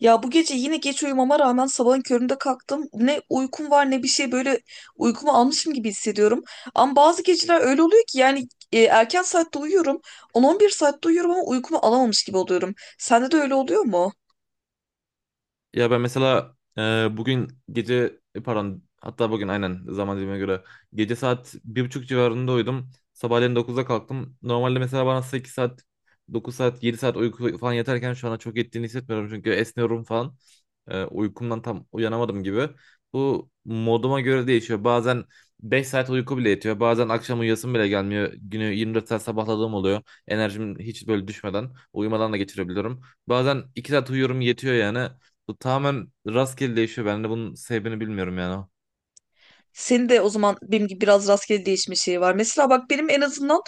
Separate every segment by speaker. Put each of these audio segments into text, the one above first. Speaker 1: Ya bu gece yine geç uyumama rağmen sabahın köründe kalktım. Ne uykum var ne bir şey böyle uykumu almışım gibi hissediyorum. Ama bazı geceler öyle oluyor ki yani erken saatte uyuyorum. 10-11 saatte uyuyorum ama uykumu alamamış gibi oluyorum. Sende de öyle oluyor mu?
Speaker 2: Ben mesela bugün gece pardon hatta bugün aynen zaman dilimine göre gece saat bir buçuk civarında uyudum. Sabahleyin 9'da kalktım. Normalde mesela bana 8 saat 9 saat 7 saat uyku falan yeterken şu anda çok ettiğini hissetmiyorum çünkü esniyorum falan. Uykumdan tam uyanamadım gibi. Bu moduma göre değişiyor. Bazen 5 saat uyku bile yetiyor. Bazen akşam uyuyasım bile gelmiyor. Günü 24 saat sabahladığım oluyor. Enerjim hiç böyle düşmeden, uyumadan da geçirebiliyorum. Bazen 2 saat uyuyorum yetiyor yani. Bu tamamen rastgele değişiyor. Ben de bunun sebebini bilmiyorum yani.
Speaker 1: Senin de o zaman benim gibi biraz rastgele değişmiş şey var. Mesela bak benim en azından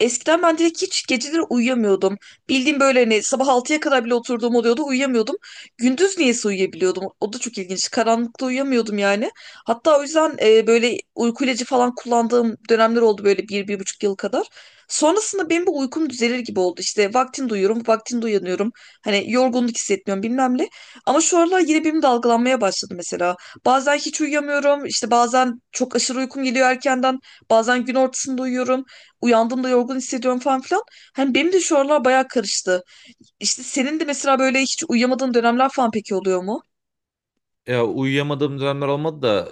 Speaker 1: eskiden ben direkt hiç geceleri uyuyamıyordum. Bildiğim böyle hani sabah 6'ya kadar bile oturduğum oluyordu, uyuyamıyordum. Gündüz niyeyse uyuyabiliyordum. O da çok ilginç. Karanlıkta uyuyamıyordum yani. Hatta o yüzden böyle uyku ilacı falan kullandığım dönemler oldu, böyle bir, bir buçuk yıl kadar. Sonrasında benim bu uykum düzelir gibi oldu. İşte vaktinde uyuyorum, vaktinde uyanıyorum. Hani yorgunluk hissetmiyorum bilmem ne. Ama şu aralar yine benim dalgalanmaya başladı mesela. Bazen hiç uyuyamıyorum. İşte bazen çok aşırı uykum geliyor erkenden. Bazen gün ortasında uyuyorum. Uyandığımda yorgun hissediyorum falan filan. Hani benim de şu aralar bayağı karıştı. İşte senin de mesela böyle hiç uyuyamadığın dönemler falan peki oluyor mu?
Speaker 2: Ya uyuyamadığım dönemler olmadı da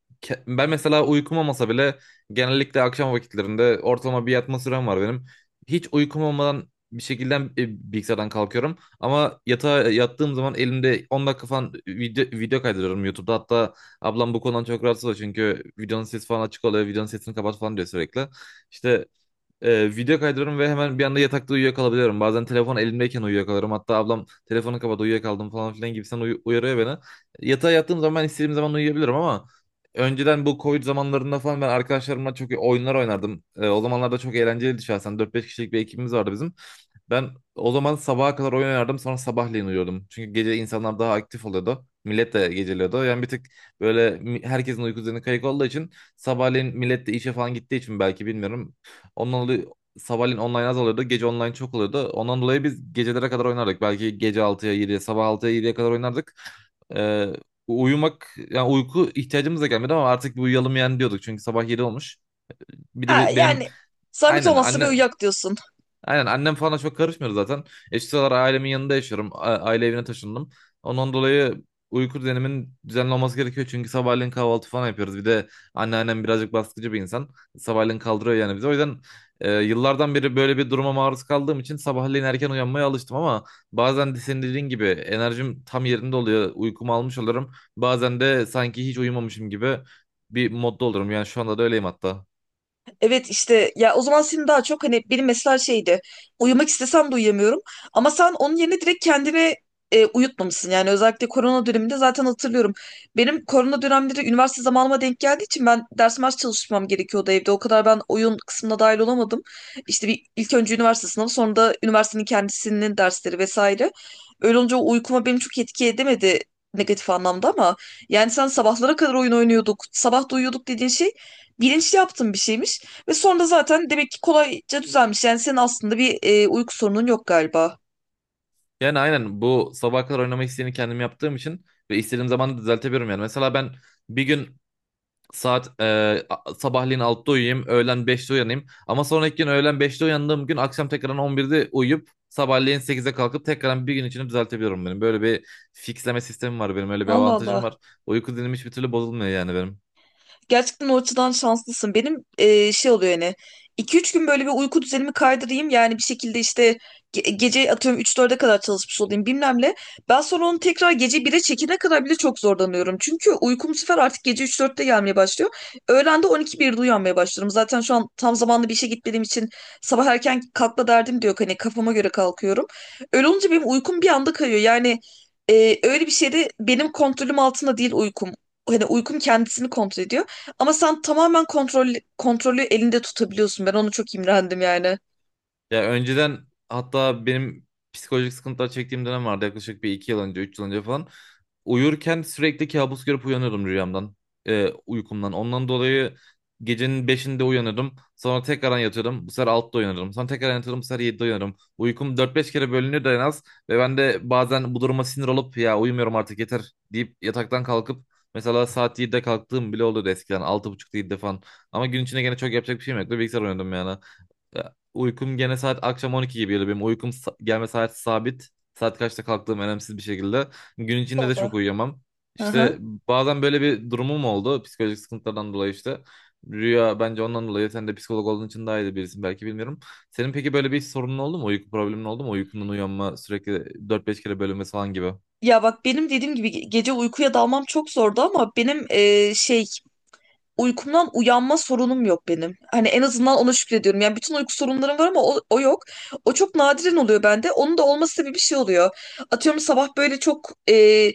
Speaker 2: ben mesela uykum olmasa bile genellikle akşam vakitlerinde ortalama bir yatma sürem var benim. Hiç uykum olmadan bir şekilde bilgisayardan kalkıyorum ama yatağa yattığım zaman elimde 10 dakika falan video kaydırıyorum YouTube'da. Hatta ablam bu konudan çok rahatsız oluyor çünkü videonun sesi falan açık oluyor, videonun sesini kapat falan diyor sürekli. İşte video kaydırıyorum ve hemen bir anda yatakta uyuyakalabiliyorum. Bazen telefon elimdeyken uyuyakalıyorum. Hatta ablam telefonu kapat uyuyakaldım falan filan gibisinden uyarıyor beni. Yatağa yattığım zaman ben istediğim zaman uyuyabilirim ama önceden bu Covid zamanlarında falan ben arkadaşlarımla çok oyunlar oynardım. O zamanlarda çok eğlenceliydi şahsen. Dört beş kişilik bir ekibimiz vardı bizim. Ben o zaman sabaha kadar oyun oynardım sonra sabahleyin uyuyordum. Çünkü gece insanlar daha aktif oluyordu. Millet de geceliyordu. Yani bir tık herkesin uyku düzeni kayık olduğu için sabahleyin millet de işe falan gittiği için belki bilmiyorum. Ondan dolayı sabahleyin online az oluyordu. Gece online çok oluyordu. Ondan dolayı biz gecelere kadar oynardık. Belki gece altıya yediye, sabah altıya yediye kadar oynardık. Ee, Uyumak yani uyku ihtiyacımız da gelmedi ama artık bir uyuyalım yani diyorduk. Çünkü sabah 7 olmuş. Bir de
Speaker 1: Ha,
Speaker 2: benim
Speaker 1: yani zahmet
Speaker 2: aynen
Speaker 1: olmazsa bir
Speaker 2: anne
Speaker 1: uyak diyorsun.
Speaker 2: Aynen annem falan çok karışmıyor zaten. Şu sıralar ailemin yanında yaşıyorum. Aile evine taşındım. Ondan dolayı uyku düzenimin düzenli olması gerekiyor. Çünkü sabahleyin kahvaltı falan yapıyoruz. Bir de anneannem birazcık baskıcı bir insan. Sabahleyin kaldırıyor yani bizi. O yüzden yıllardan beri böyle bir duruma maruz kaldığım için sabahleyin erken uyanmaya alıştım ama bazen de senin dediğin gibi enerjim tam yerinde oluyor. Uykumu almış olurum. Bazen de sanki hiç uyumamışım gibi bir modda olurum. Yani şu anda da öyleyim hatta.
Speaker 1: Evet işte ya o zaman senin daha çok hani benim mesela şeydi, uyumak istesem de uyuyamıyorum ama sen onun yerine direkt kendini uyutmamışsın yani, özellikle korona döneminde zaten hatırlıyorum. Benim korona dönemleri üniversite zamanıma denk geldiği için ben ders mers çalışmam gerekiyordu evde, o kadar ben oyun kısmına dahil olamadım. İşte bir ilk önce üniversite sınavı, sonra da üniversitenin kendisinin dersleri vesaire. Öyle olunca o uykuma benim çok etki edemedi negatif anlamda, ama yani sen sabahlara kadar oyun oynuyorduk, sabah da uyuyorduk dediğin şey bilinçli yaptığın bir şeymiş. Ve sonra da zaten demek ki kolayca düzelmiş. Yani senin aslında bir uyku sorunun yok galiba.
Speaker 2: Yani aynen bu sabaha kadar oynama isteğini kendim yaptığım için ve istediğim zaman da düzeltebiliyorum yani. Mesela ben bir gün saat e, sabahleyin 6'da uyuyayım, öğlen beşte uyanayım ama sonraki gün öğlen beşte uyandığım gün akşam tekrardan on birde uyuyup sabahleyin sekize kalkıp tekrardan bir gün içinde düzeltebiliyorum benim. Böyle bir fixleme sistemim var benim, öyle bir
Speaker 1: Allah
Speaker 2: avantajım
Speaker 1: Allah.
Speaker 2: var. Uyku dinim hiçbir türlü bozulmuyor yani benim.
Speaker 1: Gerçekten o açıdan şanslısın. Benim şey oluyor yani, 2-3 gün böyle bir uyku düzenimi kaydırayım. Yani bir şekilde işte gece atıyorum 3-4'e kadar çalışmış olayım bilmem ne. Ben sonra onu tekrar gece 1'e çekene kadar bile çok zorlanıyorum. Çünkü uykum bu sefer artık gece üç 4'te gelmeye başlıyor. Öğlen de 12 1'de uyanmaya başlıyorum. Zaten şu an tam zamanlı bir işe gitmediğim için sabah erken kalkma derdim de yok. Hani kafama göre kalkıyorum. Öyle olunca benim uykum bir anda kayıyor. Yani öyle bir şeyde benim kontrolüm altında değil uykum. Hani uykum kendisini kontrol ediyor. Ama sen tamamen kontrolü elinde tutabiliyorsun. Ben onu çok imrendim yani.
Speaker 2: Ya önceden hatta benim psikolojik sıkıntılar çektiğim dönem vardı yaklaşık bir iki yıl önce, üç yıl önce falan. Uyurken sürekli kabus görüp uyanıyordum rüyamdan, uykumdan. Ondan dolayı gecenin beşinde uyanırdım. Sonra tekrardan yatıyordum. Bu sefer altta uyanırdım. Sonra tekrar yatıyordum. Bu sefer yedide uyanırım. Uykum dört beş kere bölünüyordu en az. Ve ben de bazen bu duruma sinir olup ya uyumuyorum artık yeter deyip yataktan kalkıp mesela saat yedi'de kalktığım bile oluyordu eskiden. Altı buçukta 7'de falan. Ama gün içinde gene çok yapacak bir şeyim yoktu. Bilgisayar oynuyordum yani. Ya, Uykum gene saat akşam 12 gibi geliyor benim. Gelme saati sabit. Saat kaçta kalktığım önemsiz bir şekilde. Gün içinde de
Speaker 1: Oldu.
Speaker 2: çok uyuyamam.
Speaker 1: Hı hı.
Speaker 2: İşte bazen böyle bir durumum oldu. Psikolojik sıkıntılardan dolayı işte. Rüya bence ondan dolayı. Sen de psikolog olduğun için daha iyi de birisin belki bilmiyorum. Senin peki böyle bir sorunun oldu mu? Uyku problemin oldu mu? Uykundan uyanma sürekli 4 5 kere bölünmesi falan gibi.
Speaker 1: Ya bak benim dediğim gibi gece uykuya dalmam çok zordu, ama benim şey, uykumdan uyanma sorunum yok benim. Hani en azından ona şükrediyorum. Yani bütün uyku sorunlarım var ama o yok. O çok nadiren oluyor bende. Onun da olması gibi bir şey oluyor. Atıyorum sabah böyle çok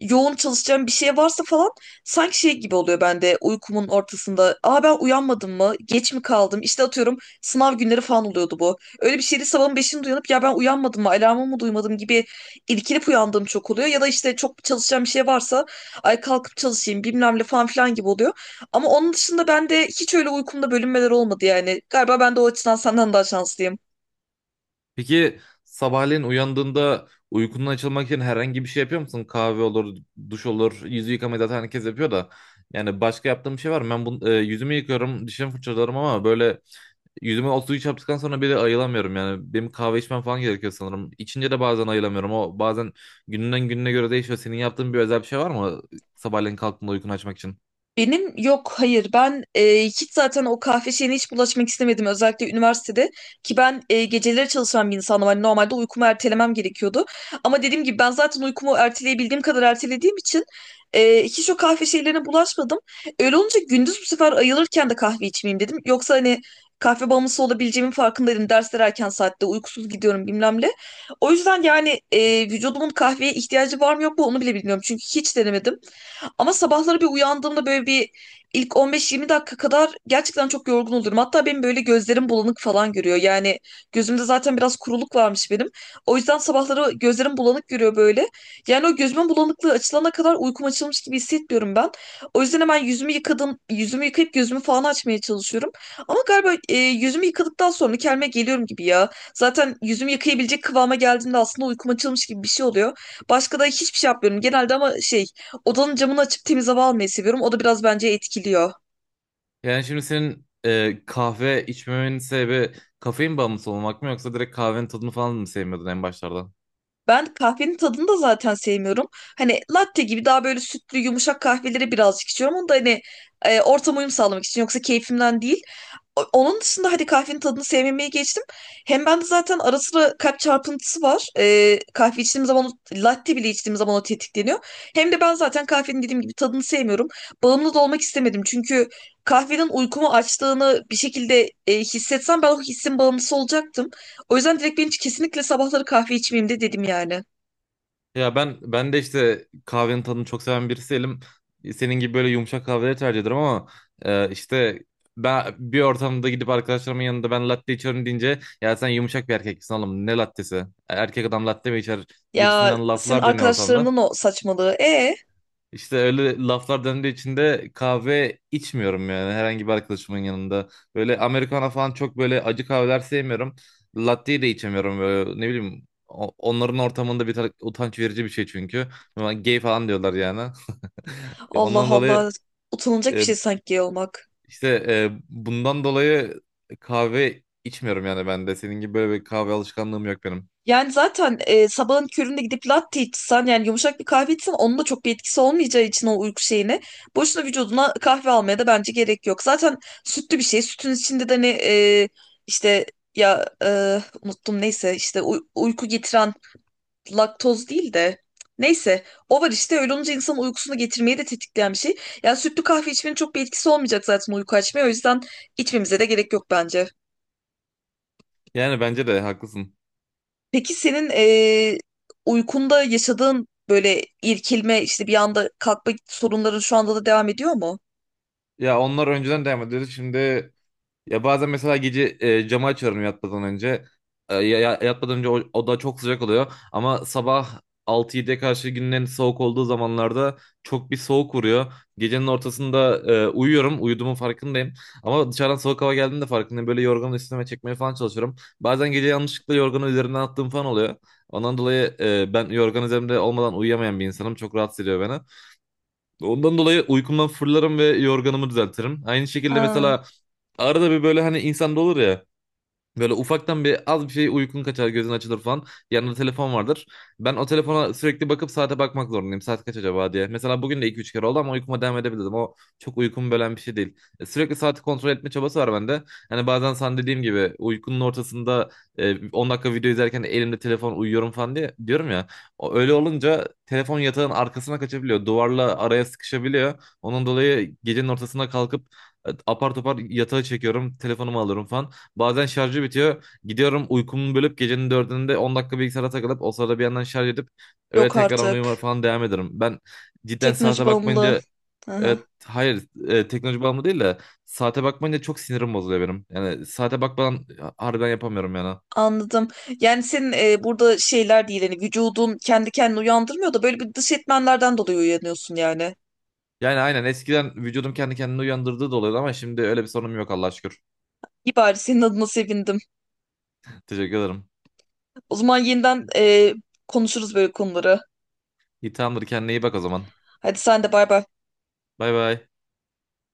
Speaker 1: yoğun çalışacağım bir şey varsa falan, sanki şey gibi oluyor bende uykumun ortasında. Aa, ben uyanmadım mı? Geç mi kaldım? İşte atıyorum, sınav günleri falan oluyordu bu. Öyle bir şeydi, sabahın 5'inde uyanıp ya ben uyanmadım mı, alarmımı mı duymadım gibi irkilip uyandığım çok oluyor. Ya da işte çok çalışacağım bir şey varsa, ay kalkıp çalışayım bilmem ne falan filan gibi oluyor. Ama onun dışında ben de hiç öyle uykumda bölünmeler olmadı yani. Galiba ben de o açıdan senden daha şanslıyım.
Speaker 2: Peki sabahleyin uyandığında uykundan açılmak için herhangi bir şey yapıyor musun? Kahve olur, duş olur, yüzü yıkamayı zaten herkes yapıyor da. Yani başka yaptığım bir şey var mı? Ben bunu, yüzümü yıkıyorum, dişimi fırçalarım ama böyle yüzüme o suyu çarptıktan sonra bir de ayılamıyorum yani. Benim kahve içmem falan gerekiyor sanırım. İçince de bazen ayılamıyorum. O bazen gününden gününe göre değişiyor. Senin yaptığın bir özel bir şey var mı sabahleyin kalktığında uykunu açmak için?
Speaker 1: Benim yok, hayır, ben hiç zaten o kahve şeyine hiç bulaşmak istemedim, özellikle üniversitede ki ben geceleri çalışan bir insanım, hani normalde uykumu ertelemem gerekiyordu ama dediğim gibi ben zaten uykumu erteleyebildiğim kadar ertelediğim için hiç o kahve şeylerine bulaşmadım. Öyle olunca gündüz bu sefer ayılırken de kahve içmeyeyim dedim, yoksa hani kahve bağımlısı olabileceğimin farkındaydım, dersler erken saatte uykusuz gidiyorum bilmem ne. O yüzden yani vücudumun kahveye ihtiyacı var mı yok mu onu bile bilmiyorum, çünkü hiç denemedim. Ama sabahları bir uyandığımda böyle bir ilk 15-20 dakika kadar gerçekten çok yorgun olurum. Hatta benim böyle gözlerim bulanık falan görüyor. Yani gözümde zaten biraz kuruluk varmış benim. O yüzden sabahları gözlerim bulanık görüyor böyle. Yani o gözümün bulanıklığı açılana kadar uykum açılmış gibi hissetmiyorum ben. O yüzden hemen yüzümü yıkadım, yüzümü yıkayıp gözümü falan açmaya çalışıyorum. Ama galiba yüzümü yıkadıktan sonra kendime geliyorum gibi ya. Zaten yüzümü yıkayabilecek kıvama geldiğimde aslında uykum açılmış gibi bir şey oluyor. Başka da hiçbir şey yapmıyorum. Genelde ama şey, odanın camını açıp temiz hava almayı seviyorum. O da biraz bence etkiliyor.
Speaker 2: Yani şimdi senin kahve içmemenin sebebi kafein bağımlısı olmak mı yoksa direkt kahvenin tadını falan mı sevmiyordun en başlarda?
Speaker 1: Ben kahvenin tadını da zaten sevmiyorum. Hani latte gibi daha böyle sütlü yumuşak kahveleri birazcık içiyorum. Onu da hani ortama uyum sağlamak için, yoksa keyfimden değil. Onun dışında hadi kahvenin tadını sevmemeyi geçtim. Hem bende zaten ara sıra kalp çarpıntısı var. Kahve içtiğim zaman latte bile içtiğim zaman o tetikleniyor. Hem de ben zaten kahvenin dediğim gibi tadını sevmiyorum. Bağımlı da olmak istemedim. Çünkü kahvenin uykumu açtığını bir şekilde hissetsem ben o hissin bağımlısı olacaktım. O yüzden direkt ben hiç kesinlikle sabahları kahve içmeyeyim de dedim yani.
Speaker 2: Ben de işte kahvenin tadını çok seven birisiyim. Senin gibi böyle yumuşak kahveleri tercih ederim ama e, işte ben bir ortamda gidip arkadaşlarımın yanında ben latte içiyorum deyince ya sen yumuşak bir erkeksin oğlum ne lattesi? Erkek adam latte mi içer
Speaker 1: Ya
Speaker 2: gibisinden
Speaker 1: senin
Speaker 2: laflar dönüyor ortamda.
Speaker 1: arkadaşlarının o saçmalığı.
Speaker 2: İşte öyle laflar döndüğü için de kahve içmiyorum yani herhangi bir arkadaşımın yanında. Böyle Americano falan çok böyle acı kahveler sevmiyorum. Latte de içemiyorum böyle ne bileyim. Onların ortamında utanç verici bir şey çünkü. Ama gay falan diyorlar yani.
Speaker 1: Allah
Speaker 2: Ondan dolayı
Speaker 1: Allah, utanılacak bir
Speaker 2: e,
Speaker 1: şey sanki gay olmak.
Speaker 2: bundan dolayı kahve içmiyorum yani ben de. Senin gibi böyle bir kahve alışkanlığım yok benim.
Speaker 1: Yani zaten sabahın köründe gidip latte içsen, yani yumuşak bir kahve içsen onun da çok bir etkisi olmayacağı için, o uyku şeyine boşuna vücuduna kahve almaya da bence gerek yok. Zaten sütlü bir şey. Sütün içinde de ne işte ya unuttum, neyse, işte uyku getiren laktoz değil de, neyse, o var işte, öyle olunca insanın uykusunu getirmeyi de tetikleyen bir şey. Yani sütlü kahve içmenin çok bir etkisi olmayacak zaten uyku açmaya, o yüzden içmemize de gerek yok bence.
Speaker 2: Yani bence de haklısın.
Speaker 1: Peki senin uykunda yaşadığın böyle irkilme, işte bir anda kalkma sorunların şu anda da devam ediyor mu?
Speaker 2: Ya onlar önceden devam ediyordu. Şimdi Ya bazen mesela gece camı açıyorum yatmadan önce. Yatmadan önce oda çok sıcak oluyor. Ama sabah altı 7ye karşı günün en soğuk olduğu zamanlarda çok bir soğuk vuruyor. Gecenin ortasında uyuyorum. Uyuduğumun farkındayım. Ama dışarıdan soğuk hava geldiğinde farkındayım. Böyle yorganı üstüme çekmeye falan çalışıyorum. Bazen gece yanlışlıkla yorganı üzerinden attığım falan oluyor. Ondan dolayı ben yorgan üzerimde olmadan uyuyamayan bir insanım. Çok rahatsız ediyor beni. Ondan dolayı uykumdan fırlarım ve yorganımı düzeltirim. Aynı şekilde
Speaker 1: Ha,
Speaker 2: mesela arada bir böyle hani insanda olur ya, böyle ufaktan bir az bir şey uykun kaçar, gözün açılır falan. Yanında telefon vardır. Ben o telefona sürekli bakıp saate bakmak zorundayım. Saat kaç acaba diye. Mesela bugün de iki üç kere oldu ama uykuma devam edebildim. O çok uykumu bölen bir şey değil. Sürekli saati kontrol etme çabası var bende. Hani bazen sen dediğim gibi uykunun ortasında 10 dakika video izlerken elimde telefon uyuyorum falan diye diyorum ya. Öyle olunca telefon yatağın arkasına kaçabiliyor. Duvarla araya sıkışabiliyor. Onun dolayı gecenin ortasına kalkıp apar topar yatağa çekiyorum. Telefonumu alıyorum falan. Bazen şarjı bitiyor. Gidiyorum uykumu bölüp gecenin dördünde 10 dakika bilgisayara takılıp o sırada bir yandan şarj edip öyle
Speaker 1: yok
Speaker 2: tekrar uyuma
Speaker 1: artık.
Speaker 2: falan devam ederim. Ben cidden
Speaker 1: Teknoloji
Speaker 2: saate
Speaker 1: bağımlı.
Speaker 2: bakmayınca
Speaker 1: Aha,
Speaker 2: evet, hayır teknoloji bağımlı değil de saate bakmayınca çok sinirim bozuluyor benim. Yani saate bakmadan harbiden yapamıyorum yani.
Speaker 1: anladım. Yani senin burada şeyler değil hani, vücudun kendi kendini uyandırmıyor da böyle bir dış etmenlerden dolayı uyanıyorsun yani.
Speaker 2: Yani aynen eskiden vücudum kendi kendini uyandırdığı da oluyordu ama şimdi öyle bir sorunum yok Allah'a şükür.
Speaker 1: İyi, bari senin adına sevindim.
Speaker 2: Teşekkür ederim.
Speaker 1: O zaman yeniden konuşuruz böyle konuları.
Speaker 2: İyi tamamdır kendine iyi bak o zaman.
Speaker 1: Hadi sen de bay bay.
Speaker 2: Bay bay.